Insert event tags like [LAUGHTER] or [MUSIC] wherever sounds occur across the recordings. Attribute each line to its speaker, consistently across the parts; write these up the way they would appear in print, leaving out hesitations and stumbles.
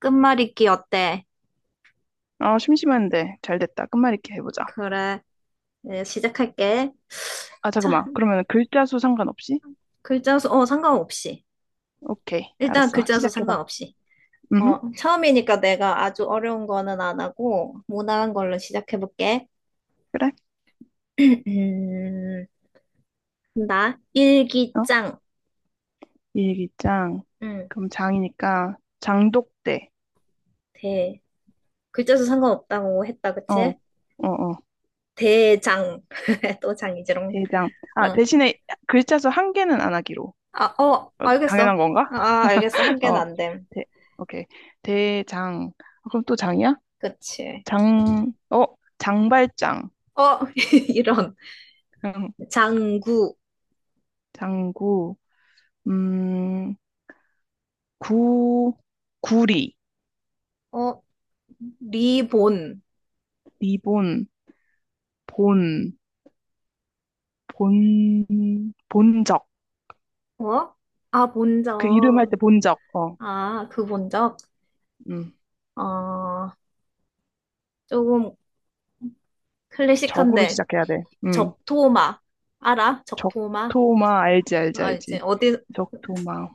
Speaker 1: 끝말잇기 어때?
Speaker 2: 아, 심심한데. 잘 됐다. 끝말잇기 해보자.
Speaker 1: 그래, 네, 시작할게.
Speaker 2: 아,
Speaker 1: 자,
Speaker 2: 잠깐만. 그러면 글자 수 상관없이?
Speaker 1: 글자 수, 상관없이.
Speaker 2: 오케이.
Speaker 1: 일단
Speaker 2: 알았어.
Speaker 1: 글자 수
Speaker 2: 시작해봐.
Speaker 1: 상관없이.
Speaker 2: 음.
Speaker 1: 처음이니까 내가 아주 어려운 거는 안 하고, 무난한 걸로 시작해볼게.
Speaker 2: 그래.
Speaker 1: [CLEARS THROAT] 음, 나,
Speaker 2: 어?
Speaker 1: 일기장.
Speaker 2: 일기장.
Speaker 1: 응.
Speaker 2: 그럼 장이니까 장독대.
Speaker 1: 대. 글자 수 상관없다고 했다,
Speaker 2: 어,
Speaker 1: 그치?
Speaker 2: 어, 어.
Speaker 1: 대장. [LAUGHS] 또 장이지롱.
Speaker 2: 대장. 아,
Speaker 1: 어,
Speaker 2: 대신에 글자 수 한 개는 안 하기로.
Speaker 1: 아, 어,
Speaker 2: 어,
Speaker 1: 알겠어.
Speaker 2: 당연한 건가?
Speaker 1: 아, 알겠어. 한
Speaker 2: [LAUGHS]
Speaker 1: 개는
Speaker 2: 어,
Speaker 1: 안 됨.
Speaker 2: 대, 오케이. 대장. 아, 그럼 또 장이야?
Speaker 1: 그치.
Speaker 2: 장, 어, 장발장.
Speaker 1: 어, [LAUGHS] 이런.
Speaker 2: [LAUGHS]
Speaker 1: 장구.
Speaker 2: 장구. 음, 구, 구리.
Speaker 1: 어, 리본.
Speaker 2: 리본. 본, 본적.
Speaker 1: 어? 아,
Speaker 2: 그 이름 할
Speaker 1: 본적.
Speaker 2: 때 본적. 어,
Speaker 1: 아, 그 본적?
Speaker 2: 음.
Speaker 1: 어, 조금
Speaker 2: 적으로
Speaker 1: 클래식한데,
Speaker 2: 시작해야 돼. 음.
Speaker 1: 적토마. 알아? 적토마?
Speaker 2: 적토마, 알지, 알지,
Speaker 1: 알지?
Speaker 2: 알지.
Speaker 1: 어디,
Speaker 2: 적토마.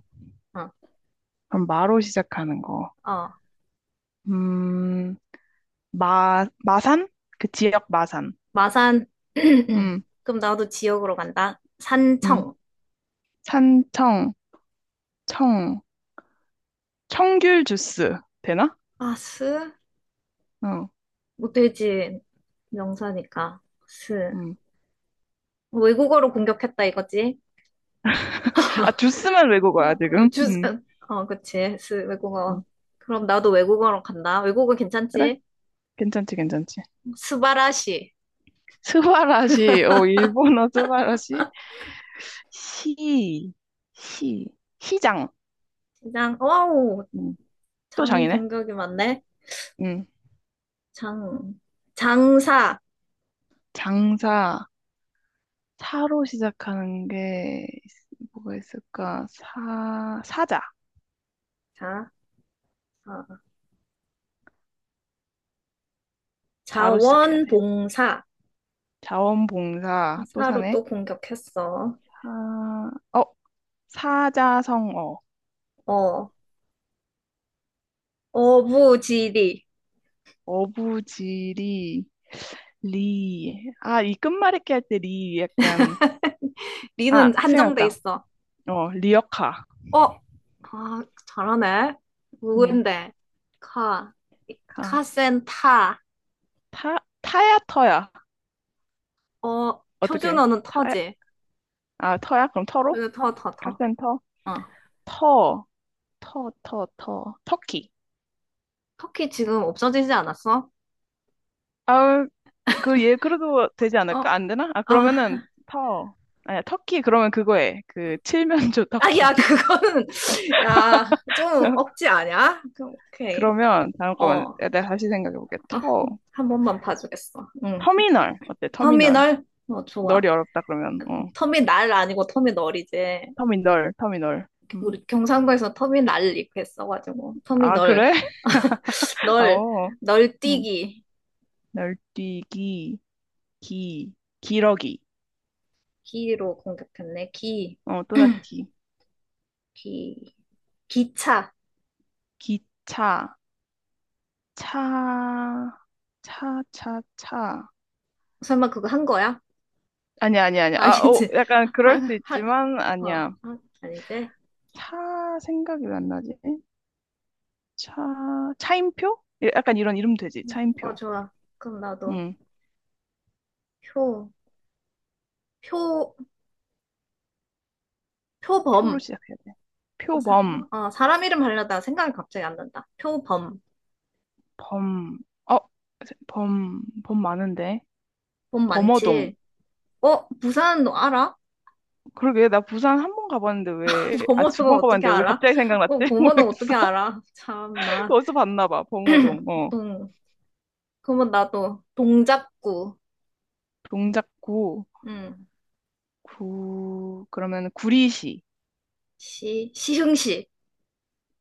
Speaker 1: 어,
Speaker 2: 그럼 마로 시작하는 거.
Speaker 1: 어,
Speaker 2: 음, 마, 마산? 그 지역 마산.
Speaker 1: 마산. [CLEARS THROAT]
Speaker 2: 음,
Speaker 1: 그럼 나도 지역으로 간다.
Speaker 2: 음.
Speaker 1: 산청.
Speaker 2: 산청, 청, 청귤 주스. 되나?
Speaker 1: 아, 스?
Speaker 2: 어,
Speaker 1: 못되지. 명사니까. 스.
Speaker 2: 음.
Speaker 1: 외국어로 공격했다 이거지?
Speaker 2: 아, 주스만 외국어야,
Speaker 1: 어,
Speaker 2: 지금.
Speaker 1: 주,
Speaker 2: 음.
Speaker 1: 어, 그치. 스, 외국어.
Speaker 2: 음.
Speaker 1: 그럼 나도 외국어로 간다. 외국어
Speaker 2: 그래?
Speaker 1: 괜찮지?
Speaker 2: 괜찮지, 괜찮지.
Speaker 1: 스바라시.
Speaker 2: 스바라시, 일본어 스바라시. 시, 시, 시장.
Speaker 1: 장, 와우.
Speaker 2: 음, 또
Speaker 1: 장
Speaker 2: 장이네.
Speaker 1: 공격이 많네.
Speaker 2: 음,
Speaker 1: 장, 장사.
Speaker 2: 장사, 사로 시작하는 게 뭐가 있을까? 사자.
Speaker 1: 자, 아,
Speaker 2: 자로 시작해야 돼.
Speaker 1: 자원봉사.
Speaker 2: 자원봉사, 또
Speaker 1: 사로
Speaker 2: 사네.
Speaker 1: 또 공격했어.
Speaker 2: 사, 어, 사자성어,
Speaker 1: 어, 어부지리.
Speaker 2: 어부지리, 리. 아, 이 끝말잇기 할 때 리 약간, 아,
Speaker 1: 리는 한정돼
Speaker 2: 생각났다.
Speaker 1: 있어.
Speaker 2: 어, 리어카.
Speaker 1: 어, 아, 잘하네.
Speaker 2: 응,
Speaker 1: 누군데? 카,
Speaker 2: 가.
Speaker 1: 카센타.
Speaker 2: 타, 타야 터야.
Speaker 1: 어,
Speaker 2: 어떻게?
Speaker 1: 표준어는 터지.
Speaker 2: 아, 터야? 그럼 터로?
Speaker 1: 으, 터.
Speaker 2: 카센터?
Speaker 1: 어.
Speaker 2: 터, 터, 터, 터. 터키.
Speaker 1: 터키 지금 없어지지 않았어?
Speaker 2: 아, 그래도 되지 않을까?
Speaker 1: 어,
Speaker 2: 안 되나? 아,
Speaker 1: 아.
Speaker 2: 그러면은, 터. 아니야, 터키, 그러면 그거에. 칠면조
Speaker 1: 아야
Speaker 2: 터키.
Speaker 1: 그거는 [LAUGHS] 야 좀
Speaker 2: [LAUGHS]
Speaker 1: 억지 아냐? 그럼 오케이.
Speaker 2: 그러면, 잠깐만.
Speaker 1: 어,
Speaker 2: 내가 다시 생각해볼게.
Speaker 1: 아,
Speaker 2: 터.
Speaker 1: 한 번만 봐주겠어. 응.
Speaker 2: 터미널. 어때, 터미널.
Speaker 1: 터미널. 어, 좋아.
Speaker 2: 널이 어렵다, 그러면. 어.
Speaker 1: 터미날 아니고 터미널이지.
Speaker 2: 터미널, 터미널. 음.
Speaker 1: 우리 경상도에서 터미날 이렇게 써가지고
Speaker 2: 아,
Speaker 1: 터미널.
Speaker 2: 그래? [LAUGHS]
Speaker 1: 널.
Speaker 2: 어. 음.
Speaker 1: 널뛰기.
Speaker 2: 널뛰기, 기, 기러기.
Speaker 1: 기로 공격했네. 기.
Speaker 2: 어, 또다시 기.
Speaker 1: 기. 기차.
Speaker 2: 기차. 차, 차, 차, 차.
Speaker 1: 설마 그거 한 거야?
Speaker 2: 아니야, 아니야,
Speaker 1: [LAUGHS]
Speaker 2: 아니야. 아, 오,
Speaker 1: 아니지.
Speaker 2: 약간 그럴 수 있지만,
Speaker 1: 한한어.
Speaker 2: 아니야.
Speaker 1: 아니지.
Speaker 2: 차 생각이 왜 안 나지? 차, 차임표? 예, 약간 이런 이름 되지.
Speaker 1: 어,
Speaker 2: 차임표.
Speaker 1: 좋아. 그럼 나도
Speaker 2: 응,
Speaker 1: 표표
Speaker 2: 표로
Speaker 1: 표범.
Speaker 2: 시작해야 돼.
Speaker 1: 어, 사,
Speaker 2: 표범,
Speaker 1: 어, 사람 이름 하려다 생각이 갑자기 안 난다. 표범.
Speaker 2: 범, 어, 범 많은데.
Speaker 1: 범
Speaker 2: 범어동.
Speaker 1: 많지. 어, 부산 너 알아?
Speaker 2: 그러게, 나 부산 한 번 가봤는데 왜,
Speaker 1: [LAUGHS]
Speaker 2: 아, 두
Speaker 1: 범어는
Speaker 2: 번
Speaker 1: 어떻게
Speaker 2: 가봤는데 왜
Speaker 1: 알아?
Speaker 2: 갑자기 생각났지?
Speaker 1: 어,
Speaker 2: [LAUGHS]
Speaker 1: 범어는 어떻게
Speaker 2: 모르겠어.
Speaker 1: 알아? 참 나.
Speaker 2: 어디서 봤나 봐, 범어동.
Speaker 1: [CLEARS THROAT]
Speaker 2: 어.
Speaker 1: 동, 그러면 나도 동작구.
Speaker 2: 동작구,
Speaker 1: 응.
Speaker 2: 구, 그러면 구리시.
Speaker 1: 시흥시.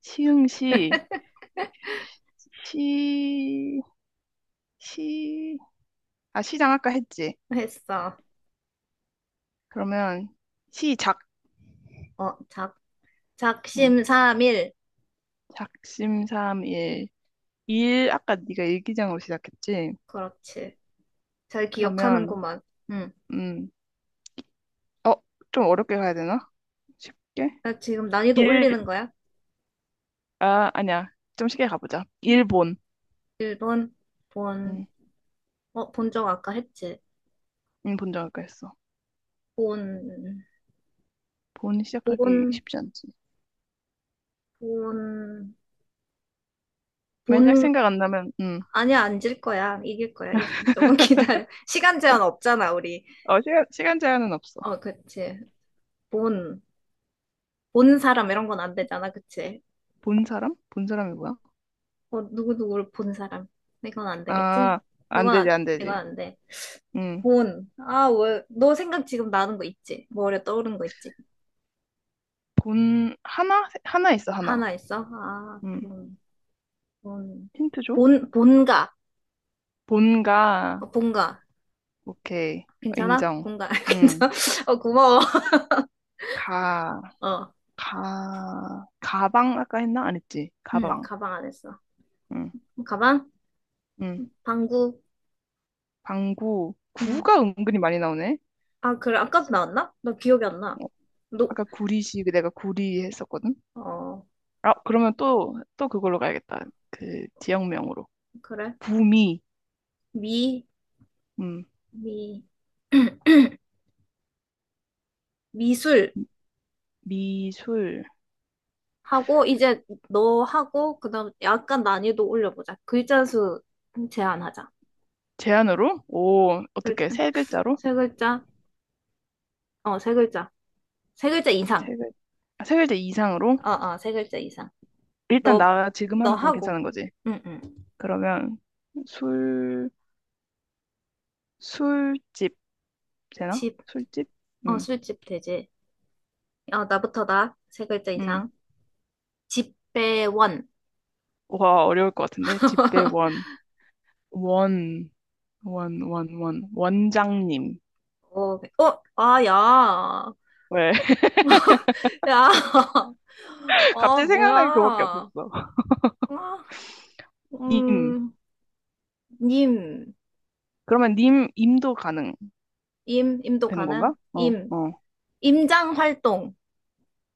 Speaker 2: 시흥시, 시, 시, 아, 시장 아까 했지.
Speaker 1: 했어.
Speaker 2: 그러면 시작,
Speaker 1: 어, 작,
Speaker 2: 응.
Speaker 1: 작심삼일.
Speaker 2: 작심삼일. 일, 아까 네가 일기장으로 시작했지.
Speaker 1: 그렇지. 잘
Speaker 2: 그러면,
Speaker 1: 기억하는구만. 응.
Speaker 2: 음, 어, 좀 어렵게 가야 되나? 쉽게?
Speaker 1: 나 지금 난이도
Speaker 2: 일,
Speaker 1: 올리는 거야?
Speaker 2: 아, 아니야. 좀 쉽게 가보자. 일본.
Speaker 1: 일 번. 본.
Speaker 2: 응,
Speaker 1: 어, 본 적 아까 했지.
Speaker 2: 응, 본적 아까 했어.
Speaker 1: 본,
Speaker 2: 본 시작하기
Speaker 1: 본.
Speaker 2: 쉽지 않지.
Speaker 1: 본,
Speaker 2: 만약
Speaker 1: 본,
Speaker 2: 생각 안 나면, 응.
Speaker 1: 아니야, 안 질 거야. 이길 거야. 조금 기다려. [LAUGHS] 시간 제한 없잖아, 우리.
Speaker 2: 어, 시간 제한은 없어.
Speaker 1: 어, 그치. 본, 본 사람 이런 건 안 되잖아, 그치?
Speaker 2: 본 사람? 본 사람이 뭐야?
Speaker 1: 어, 누구누구를 본 사람. 이건 안 되겠지?
Speaker 2: 아, 안 되지, 안
Speaker 1: 이건
Speaker 2: 되지.
Speaker 1: 안 돼.
Speaker 2: 응.
Speaker 1: 본. 아, 왜, 너 생각 지금 나는 거 있지? 머리에 떠오른 거 있지?
Speaker 2: 본 하나 하나 있어 하나.
Speaker 1: 하나 있어? 아,
Speaker 2: 음
Speaker 1: 본,
Speaker 2: 힌트 줘.
Speaker 1: 본가.
Speaker 2: 본가.
Speaker 1: 어, 본가.
Speaker 2: 오케이.
Speaker 1: 괜찮아?
Speaker 2: 인정.
Speaker 1: 본가. [LAUGHS]
Speaker 2: 음가.
Speaker 1: 괜찮아? 어, 고마워.
Speaker 2: 가
Speaker 1: 어,
Speaker 2: 가 가방 아까 했나 안 했지?
Speaker 1: 응,
Speaker 2: 가방.
Speaker 1: 가방 안 했어. 가방?
Speaker 2: 음음
Speaker 1: 방구.
Speaker 2: 방구.
Speaker 1: 응.
Speaker 2: 구가 은근히 많이 나오네.
Speaker 1: 아, 그래. 아까도 나왔나? 나 기억이 안 나.
Speaker 2: 어,
Speaker 1: 노,
Speaker 2: 아까 구리시 내가 구리 했었거든.
Speaker 1: 어,
Speaker 2: 아, 그러면 또 그걸로 가야겠다. 그 지역명으로
Speaker 1: 그래.
Speaker 2: 구미.
Speaker 1: 미,
Speaker 2: 음
Speaker 1: 미, [CLEARS THROAT] 미술
Speaker 2: 미술.
Speaker 1: 하고, 이제 너 하고, 그 다음 약간 난이도 올려보자. 글자 수 제한하자.
Speaker 2: 제안으로. 오, 어떻게?
Speaker 1: 글자,
Speaker 2: 세 글자로?
Speaker 1: 세 글자, 어, 세 글자. 세 글자 이상.
Speaker 2: 세 글, 세 글자 이상으로?
Speaker 1: 세 글자 이상.
Speaker 2: 일단
Speaker 1: 너,
Speaker 2: 나 지금
Speaker 1: 너
Speaker 2: 하는 건
Speaker 1: 하고.
Speaker 2: 괜찮은 거지.
Speaker 1: 응, 응.
Speaker 2: 그러면 술 술집 되나?
Speaker 1: 집,
Speaker 2: 술집?
Speaker 1: 어,
Speaker 2: 음.
Speaker 1: 술집 되지. 어, 나부터 나. 세 글자
Speaker 2: 음.
Speaker 1: 이상. 집배원.
Speaker 2: 와, 어려울 것 같은데. 집배
Speaker 1: [LAUGHS]
Speaker 2: 원. 원. 원, 원, 원. 원장님.
Speaker 1: 어, 네. 어, 아, 야.
Speaker 2: 왜?
Speaker 1: 야. [LAUGHS]
Speaker 2: [LAUGHS]
Speaker 1: 아,
Speaker 2: 갑자기 생각나는 그거밖에
Speaker 1: 뭐야.
Speaker 2: 없었어.
Speaker 1: 아,
Speaker 2: 님.
Speaker 1: 음, 님.
Speaker 2: 그러면 님, 임도 가능
Speaker 1: 임, 임도
Speaker 2: 되는
Speaker 1: 가능?
Speaker 2: 건가? 어,
Speaker 1: 임.
Speaker 2: 어.
Speaker 1: 임장 활동.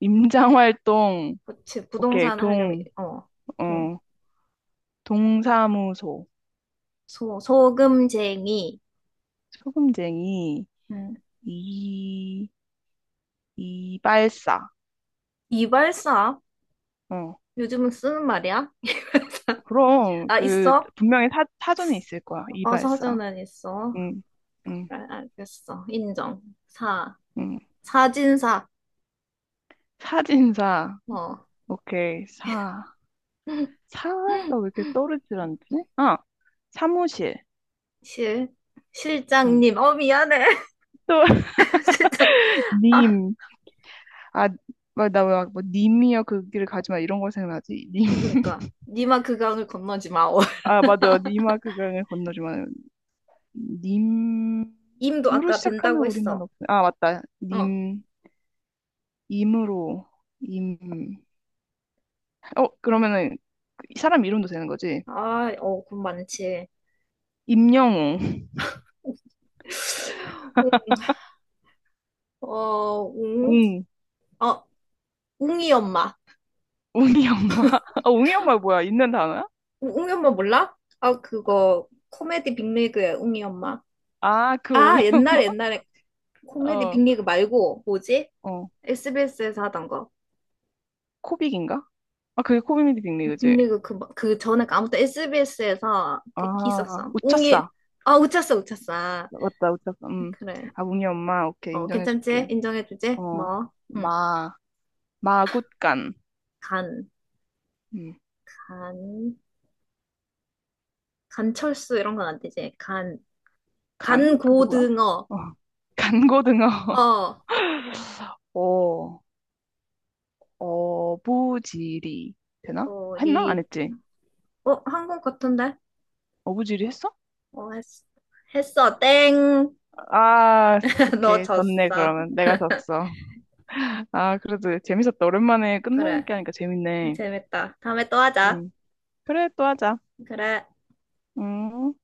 Speaker 2: 임장 활동.
Speaker 1: 그치,
Speaker 2: 오케이.
Speaker 1: 부동산 하려면,
Speaker 2: 동.
Speaker 1: 어, 동.
Speaker 2: 어. 동사무소.
Speaker 1: 소, 소금쟁이.
Speaker 2: 소금쟁이.
Speaker 1: 음.
Speaker 2: 이. 이발사.
Speaker 1: 이발사?
Speaker 2: 어.
Speaker 1: 요즘은 쓰는 말이야?
Speaker 2: 그럼
Speaker 1: 아,
Speaker 2: 그
Speaker 1: 있어?
Speaker 2: 분명히 사전에 있을 거야.
Speaker 1: 어,
Speaker 2: 이발사.
Speaker 1: 사전은 있어.
Speaker 2: 응, 응,
Speaker 1: 그래, 알겠어. 인정. 사.
Speaker 2: 응.
Speaker 1: 사진사.
Speaker 2: 사진사.
Speaker 1: 어.
Speaker 2: 오케이. 사.
Speaker 1: [LAUGHS]
Speaker 2: 사가 왜 이렇게 떠오르질 않지? 아, 사무실.
Speaker 1: 실,
Speaker 2: 응.
Speaker 1: 실장님. 어, 미안해.
Speaker 2: 또 [LAUGHS]
Speaker 1: [LAUGHS] 실장. 아,
Speaker 2: 님. 아, 나왜뭐 님이여 그 길을 가지 마 이런 거 생각나지? 님.
Speaker 1: 어, 그러니까. 니마 그 강을 건너지 마오. [LAUGHS]
Speaker 2: 아, 맞아. 님아 그 강을 건너지 마.
Speaker 1: 임도
Speaker 2: 님으로
Speaker 1: 아까
Speaker 2: 시작하는
Speaker 1: 된다고
Speaker 2: 우리만
Speaker 1: 했어.
Speaker 2: 없. 아, 맞다.
Speaker 1: 어.
Speaker 2: 님. 임으로. 임. 어, 그러면은 그 사람 이름도 되는 거지?
Speaker 1: 아, 어, 돈 많지.
Speaker 2: 임영웅,
Speaker 1: [LAUGHS] 웅?
Speaker 2: 웅,
Speaker 1: 어, 웅이 엄마.
Speaker 2: 웅이 엄마. [LAUGHS] 아, 웅이 엄마 뭐야? 있는 단어야?
Speaker 1: 웅이 엄마 몰라? 아, 그거, 코미디 빅리그야, 웅이 엄마.
Speaker 2: 아, 그
Speaker 1: 아,
Speaker 2: 웅이 엄마.
Speaker 1: 옛날에,
Speaker 2: [LAUGHS]
Speaker 1: 옛날에. 코미디
Speaker 2: 어,
Speaker 1: 빅리그 말고, 뭐지?
Speaker 2: 어,
Speaker 1: SBS에서 하던 거.
Speaker 2: 코빅인가? 아, 그게 코빅이 빅리 그지?
Speaker 1: 빅리그 그, 그 전에 그 아무튼 SBS에서 그
Speaker 2: 아,
Speaker 1: 있었어. 웅이,
Speaker 2: 웃쳤어.
Speaker 1: 아, 웃쳤어.
Speaker 2: 맞다, 웃쳤어. 음.
Speaker 1: 그래.
Speaker 2: 아, 웅이 엄마. 오케이,
Speaker 1: 어,
Speaker 2: 인정해줄게.
Speaker 1: 괜찮지? 인정해주지?
Speaker 2: 어,
Speaker 1: 고마워. 응.
Speaker 2: 마, 마굿간.
Speaker 1: 간,
Speaker 2: 음,
Speaker 1: 간, 간철수 이런 건 안 되지. 간,
Speaker 2: 간? 그 누구야?
Speaker 1: 간고등어.
Speaker 2: 어, 간고등어. [LAUGHS]
Speaker 1: 어,
Speaker 2: 어, 어부지리. 되나?
Speaker 1: 어
Speaker 2: 했나? 안
Speaker 1: 리.
Speaker 2: 했지?
Speaker 1: 어, 한국 같은데?
Speaker 2: 어부지리 했어?
Speaker 1: 어, 했어. 했어, 땡.
Speaker 2: 아,
Speaker 1: [LAUGHS] 너
Speaker 2: 오케이. 졌네,
Speaker 1: 졌어.
Speaker 2: 그러면. 내가 졌어. 아, 그래도 재밌었다. 오랜만에 끝날
Speaker 1: 그래.
Speaker 2: 얘기하니까 재밌네.
Speaker 1: 재밌다. 다음에 또 하자.
Speaker 2: 음. 그래, 또 하자.
Speaker 1: 그래.
Speaker 2: 음.